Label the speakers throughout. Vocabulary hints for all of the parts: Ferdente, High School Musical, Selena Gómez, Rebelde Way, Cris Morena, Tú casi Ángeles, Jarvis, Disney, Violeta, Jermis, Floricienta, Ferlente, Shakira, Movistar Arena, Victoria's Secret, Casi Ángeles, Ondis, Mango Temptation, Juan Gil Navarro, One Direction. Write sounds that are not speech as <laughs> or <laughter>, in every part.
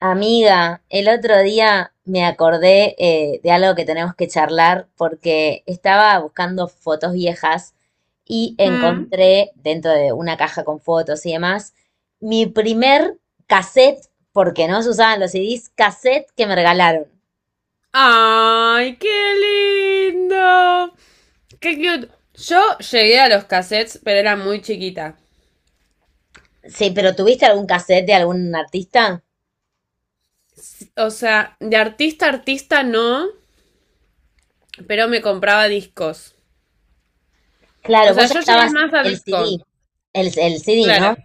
Speaker 1: Amiga, el otro día me acordé de algo que tenemos que charlar porque estaba buscando fotos viejas y
Speaker 2: Mm.
Speaker 1: encontré dentro de una caja con fotos y demás mi primer cassette, porque no se usaban los CDs, cassette que me regalaron.
Speaker 2: ¡Ay, qué lindo! ¡Qué cute! Yo llegué a los cassettes, pero era muy chiquita.
Speaker 1: Sí, pero ¿tuviste algún cassette de algún artista?
Speaker 2: O sea, de artista a artista no, pero me compraba discos. O
Speaker 1: Claro,
Speaker 2: sea,
Speaker 1: vos ya
Speaker 2: yo llegué
Speaker 1: estabas
Speaker 2: más a
Speaker 1: el
Speaker 2: disco.
Speaker 1: CD, el CD, ¿no?
Speaker 2: Claro.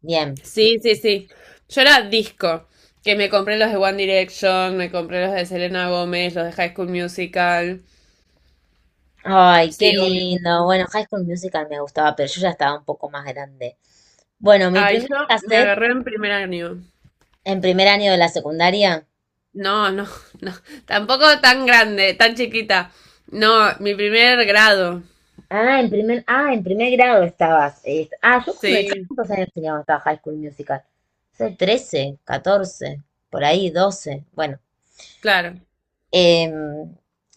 Speaker 1: Bien.
Speaker 2: Sí, sí, sí. Yo era disco. Que me compré los de One Direction, me compré los de Selena Gómez, los de High School Musical.
Speaker 1: Ay, qué
Speaker 2: Sí, obvio.
Speaker 1: lindo. Bueno, High School Musical me gustaba, pero yo ya estaba un poco más grande. Bueno, mi
Speaker 2: Ay,
Speaker 1: primer
Speaker 2: yo me
Speaker 1: cassette
Speaker 2: agarré en primer año.
Speaker 1: en primer año de la secundaria.
Speaker 2: No, no, <laughs> no. Tampoco tan grande, tan chiquita. No, mi primer grado.
Speaker 1: En primer grado estabas. Yo cuando, yo
Speaker 2: Sí,
Speaker 1: cuántos años tenía cuando estaba High School Musical. Sí, 13, 14, ¿por ahí 12? Bueno.
Speaker 2: claro.
Speaker 1: Em,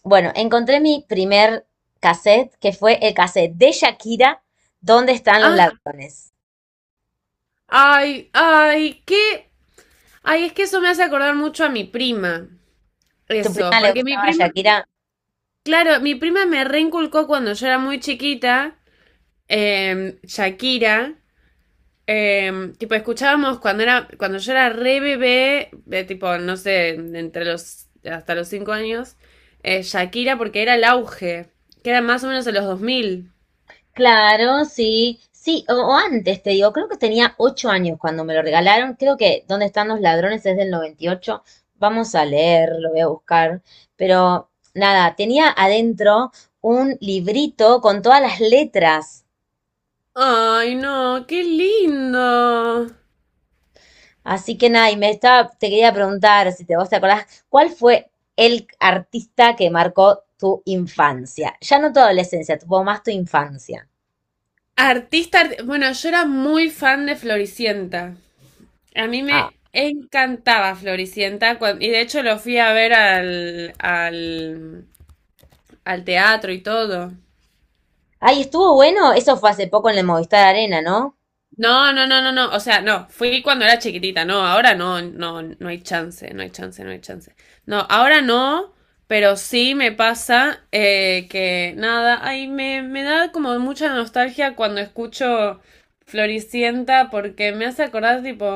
Speaker 1: bueno, encontré mi primer cassette, que fue el cassette de Shakira, ¿Dónde están los
Speaker 2: Ah,
Speaker 1: ladrones?
Speaker 2: ay, ay, qué. Ay, es que eso me hace acordar mucho a mi prima.
Speaker 1: ¿Tu
Speaker 2: Eso,
Speaker 1: prima le
Speaker 2: porque mi
Speaker 1: gustaba
Speaker 2: prima,
Speaker 1: Shakira?
Speaker 2: claro, mi prima me reinculcó cuando yo era muy chiquita, Shakira. Tipo, escuchábamos cuando era, cuando yo era re bebé, de tipo, no sé, entre los, hasta los 5 años, Shakira, porque era el auge, que era más o menos en los 2000.
Speaker 1: Claro, sí, sí, o antes te digo, creo que tenía 8 años cuando me lo regalaron, creo que ¿Dónde están los ladrones? Es del 98. Vamos a leer, lo voy a buscar, pero nada, tenía adentro un librito con todas las letras,
Speaker 2: Ay, no, qué lindo.
Speaker 1: así que nada, y me estaba, te quería preguntar si te vos te acordás, ¿cuál fue el artista que marcó tu infancia? Ya no tu adolescencia, tuvo más tu infancia.
Speaker 2: Artista, bueno, yo era muy fan de Floricienta. A mí
Speaker 1: Ah,
Speaker 2: me encantaba Floricienta, y de hecho lo fui a ver al al teatro y todo.
Speaker 1: ay, estuvo bueno, eso fue hace poco en el Movistar Arena, ¿no?
Speaker 2: No, no, no, no, no. O sea, no, fui cuando era chiquitita, no, ahora no, no, no hay chance, no hay chance, no hay chance. No, ahora no, pero sí me pasa que nada, ay, me da como mucha nostalgia cuando escucho Floricienta, porque me hace acordar tipo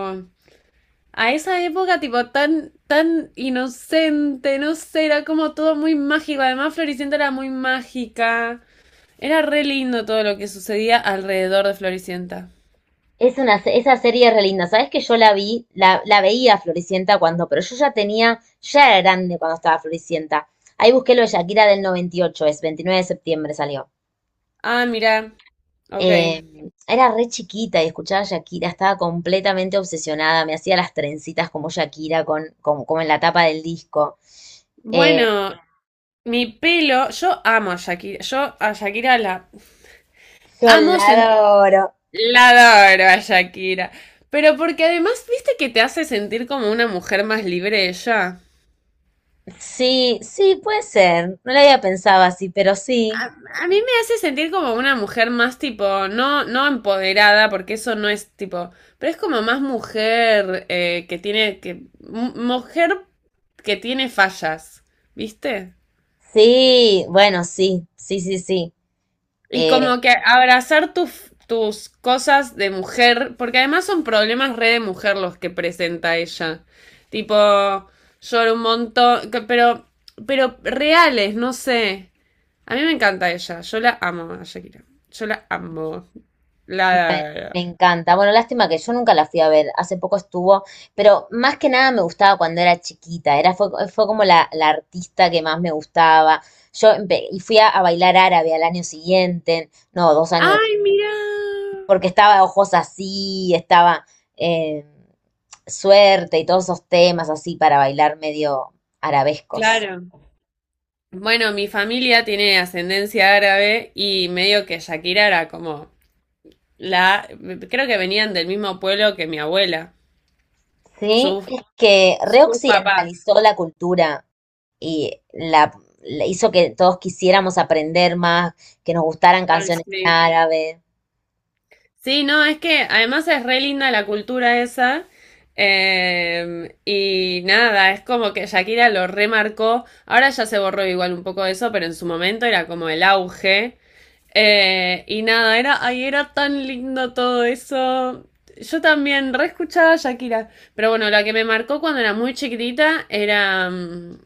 Speaker 2: a esa época tipo tan, tan inocente, no sé, era como todo muy mágico. Además, Floricienta era muy mágica. Era re lindo todo lo que sucedía alrededor de Floricienta.
Speaker 1: Es una, esa serie es re linda. Sabes que yo la vi, la veía Floricienta cuando, pero yo ya tenía, ya era grande cuando estaba Floricienta. Ahí busqué lo de Shakira del 98, es 29 de septiembre salió.
Speaker 2: Ah, mira. Ok.
Speaker 1: Eh, Era re chiquita y escuchaba a Shakira, estaba completamente obsesionada, me hacía las trencitas como Shakira, con, como, como en la tapa del disco. Eh,
Speaker 2: Bueno, mi pelo, yo amo a Shakira, yo a Shakira la
Speaker 1: Yo
Speaker 2: amo
Speaker 1: la
Speaker 2: sentir,
Speaker 1: adoro.
Speaker 2: la adoro a Shakira, pero porque además, viste que te hace sentir como una mujer más libre ella.
Speaker 1: Sí, sí, puede ser. No la había pensado así, pero sí.
Speaker 2: A, a mí me hace sentir como una mujer más tipo, no, no empoderada, porque eso no es tipo, pero es como más mujer que tiene, que, mujer que tiene fallas, ¿viste?
Speaker 1: Sí, bueno, sí, sí, sí, sí.
Speaker 2: Y como que abrazar tus cosas de mujer, porque además son problemas re de mujer los que presenta ella. Tipo, lloro un montón, pero reales, no sé. A mí me encanta ella, yo la amo a Shakira. Yo la amo. La... la-
Speaker 1: Me encanta. Bueno, lástima que yo nunca la fui a ver. Hace poco estuvo, pero más que nada me gustaba cuando era chiquita. Era, fue, fue como la artista que más me gustaba. Yo empe- y fui a bailar árabe al año siguiente, no, 2 años después,
Speaker 2: ¡Ay, mira!
Speaker 1: porque estaba Ojos así, estaba eh, Suerte y todos esos temas así para bailar medio arabescos.
Speaker 2: Claro. Bueno, mi familia tiene ascendencia árabe y medio que Shakira era como la... Creo que venían del mismo pueblo que mi abuela.
Speaker 1: Sí,
Speaker 2: Su
Speaker 1: es que
Speaker 2: Su papá.
Speaker 1: reoccidentalizó la cultura. Y la hizo que todos quisiéramos aprender más, que nos gustaran
Speaker 2: Ay,
Speaker 1: canciones en
Speaker 2: sí.
Speaker 1: árabe.
Speaker 2: Sí, no, es que además es re linda la cultura esa. Y nada, es como que Shakira lo remarcó. Ahora ya se borró igual un poco eso, pero en su momento era como el auge. Y nada, era, ay, era tan lindo todo eso. Yo también re escuchaba a Shakira. Pero bueno, la que me marcó cuando era muy chiquitita era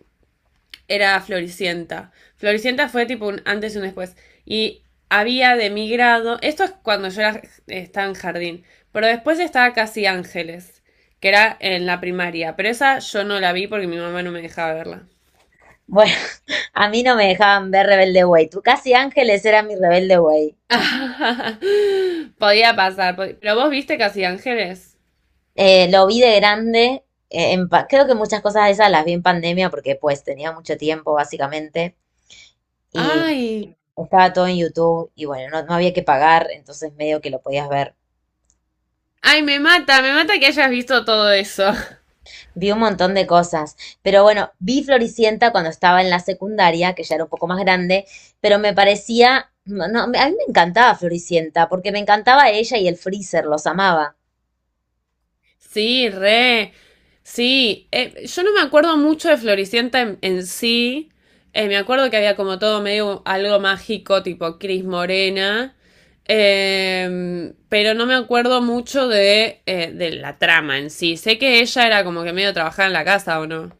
Speaker 2: era Floricienta. Floricienta fue tipo un antes y un después. Y había de mi grado, esto es cuando yo era, estaba en jardín, pero después estaba Casi Ángeles, que era en la primaria, pero esa yo no la vi porque mi mamá no me dejaba verla.
Speaker 1: Bueno, <laughs> a mí no me dejaban ver Rebelde Way. Tú casi Ángeles era mi Rebelde Way.
Speaker 2: <laughs> Podía pasar, pod pero vos viste Casi Ángeles.
Speaker 1: Lo vi de grande. En pa- creo que muchas cosas de esas las vi en pandemia porque pues tenía mucho tiempo básicamente y
Speaker 2: Ay,
Speaker 1: estaba todo en YouTube y bueno, no, no había que pagar, entonces medio que lo podías ver.
Speaker 2: ay, me mata que hayas visto todo eso.
Speaker 1: Vi un montón de cosas, pero bueno, vi Floricienta cuando estaba en la secundaria, que ya era un poco más grande, pero me parecía, no, no, a mí me encantaba Floricienta, porque me encantaba ella y el Freezer, los amaba.
Speaker 2: Sí, re. Sí, yo no me acuerdo mucho de Floricienta en sí. Me acuerdo que había como todo medio algo mágico, tipo Cris Morena. Pero no me acuerdo mucho de la trama en sí. Sé que ella era como que medio trabajaba en la casa, ¿o no?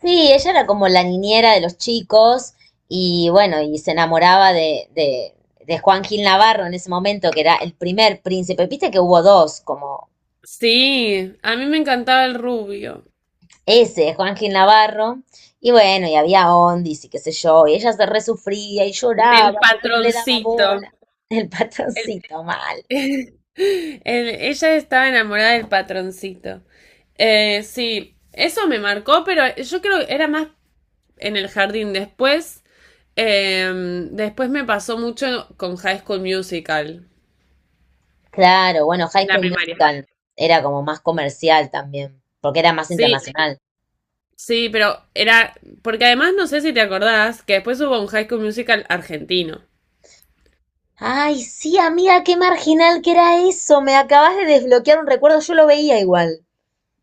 Speaker 1: Sí, ella era como la niñera de los chicos y bueno, y se enamoraba de Juan Gil Navarro en ese momento, que era el primer príncipe. Viste que hubo dos, como
Speaker 2: Sí, a mí me encantaba el rubio.
Speaker 1: ese de Juan Gil Navarro. Y bueno, y había Ondis y qué sé yo, y ella se resufría y
Speaker 2: Del
Speaker 1: lloraba porque no le daba
Speaker 2: patroncito.
Speaker 1: bola. <laughs> El patroncito mal.
Speaker 2: <laughs> El- ella estaba enamorada del patroncito. Sí, eso me marcó, pero yo creo que era más en el jardín. Después, eh, después me pasó mucho con High School Musical.
Speaker 1: Claro, bueno, High
Speaker 2: La
Speaker 1: School
Speaker 2: primaria.
Speaker 1: Musical era como más comercial también, porque era más
Speaker 2: Sí,
Speaker 1: internacional.
Speaker 2: sí, pero era, porque además no sé si te acordás que después hubo un High School Musical argentino.
Speaker 1: Ay, sí, amiga, qué marginal que era eso. Me acabas de desbloquear un recuerdo, yo lo veía igual.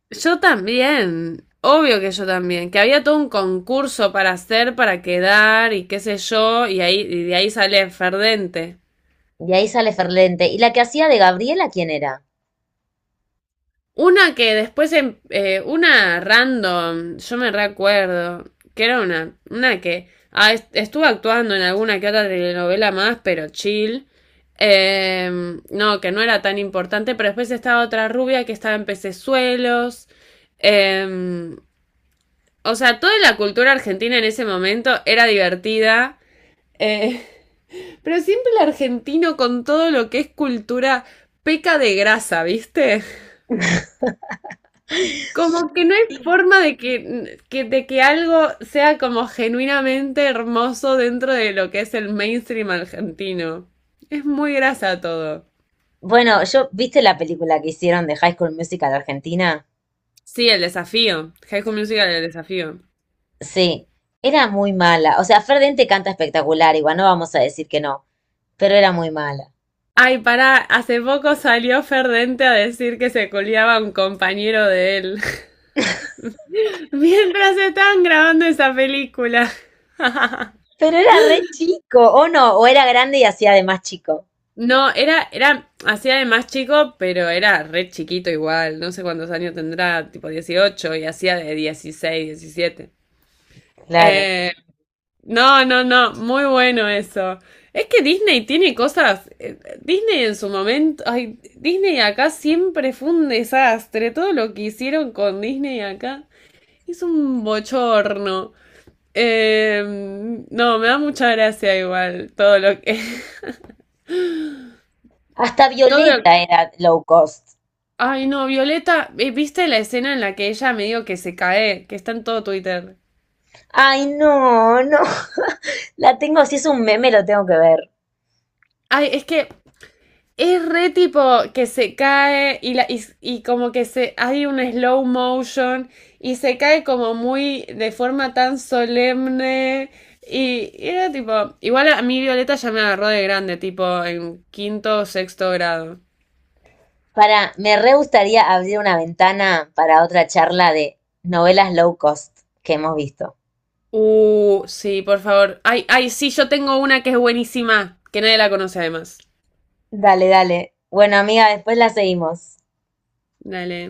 Speaker 2: Yo también, obvio que yo también, que había todo un concurso para hacer, para quedar y qué sé yo, y ahí y de ahí sale Ferdente.
Speaker 1: Y ahí sale Ferlente. ¿Y la que hacía de Gabriela, quién era?
Speaker 2: Una que después, una random, yo me recuerdo, que era una que ah, estuvo actuando en alguna que otra telenovela más, pero chill. Eh, no, que no era tan importante, pero después estaba otra rubia que estaba en pecesuelos. Eh, o sea, toda la cultura argentina en ese momento era divertida. eh, <laughs> pero siempre el argentino con todo lo que es cultura peca de grasa, ¿viste? Como que no hay
Speaker 1: <gasps>
Speaker 2: forma de de que algo sea como genuinamente hermoso dentro de lo que es el mainstream argentino. Es muy grasa todo.
Speaker 1: Bueno, yo, ¿viste la película que hicieron de High School Musical Argentina?
Speaker 2: Sí, el desafío. High School Musical, el desafío.
Speaker 1: Sí, era muy mala. O sea, Fer Dente canta espectacular, igual no vamos a decir que no, pero era muy mala.
Speaker 2: Ay, pará, hace poco salió Ferdente a decir que se culiaba a un compañero de él. <laughs> Mientras estaban grabando esa película. <laughs>
Speaker 1: Pero era re chico, o no, o era grande y hacía de más chico.
Speaker 2: No, era, era hacía de más chico, pero era re chiquito igual. No sé cuántos años tendrá, tipo 18 y hacía de 16, 17.
Speaker 1: Claro.
Speaker 2: Eh, no, no, no, muy bueno eso. Es que Disney tiene cosas. Disney en su momento. Ay, Disney acá siempre fue un desastre. Todo lo que hicieron con Disney acá es un bochorno. Eh, no, me da mucha gracia igual todo lo que. <laughs>
Speaker 1: Hasta
Speaker 2: Todo
Speaker 1: Violeta
Speaker 2: lo
Speaker 1: era low cost.
Speaker 2: ay, no, Violeta, ¿viste la escena en la que ella medio que se cae? Que está en todo Twitter.
Speaker 1: Ay, no, no. <laughs> La tengo, si es un meme, lo tengo que ver.
Speaker 2: Ay, es que es re tipo que se cae y como que se hay un slow motion y se cae como muy de forma tan solemne. Y era tipo, igual a mí Violeta ya me agarró de grande, tipo en quinto o sexto grado.
Speaker 1: Para, me re gustaría abrir una ventana para otra charla de novelas low cost que hemos visto.
Speaker 2: Sí, por favor. Ay, ay, sí, yo tengo una que es buenísima, que nadie la conoce además.
Speaker 1: Dale, dale. Bueno, amiga, después la seguimos.
Speaker 2: Dale.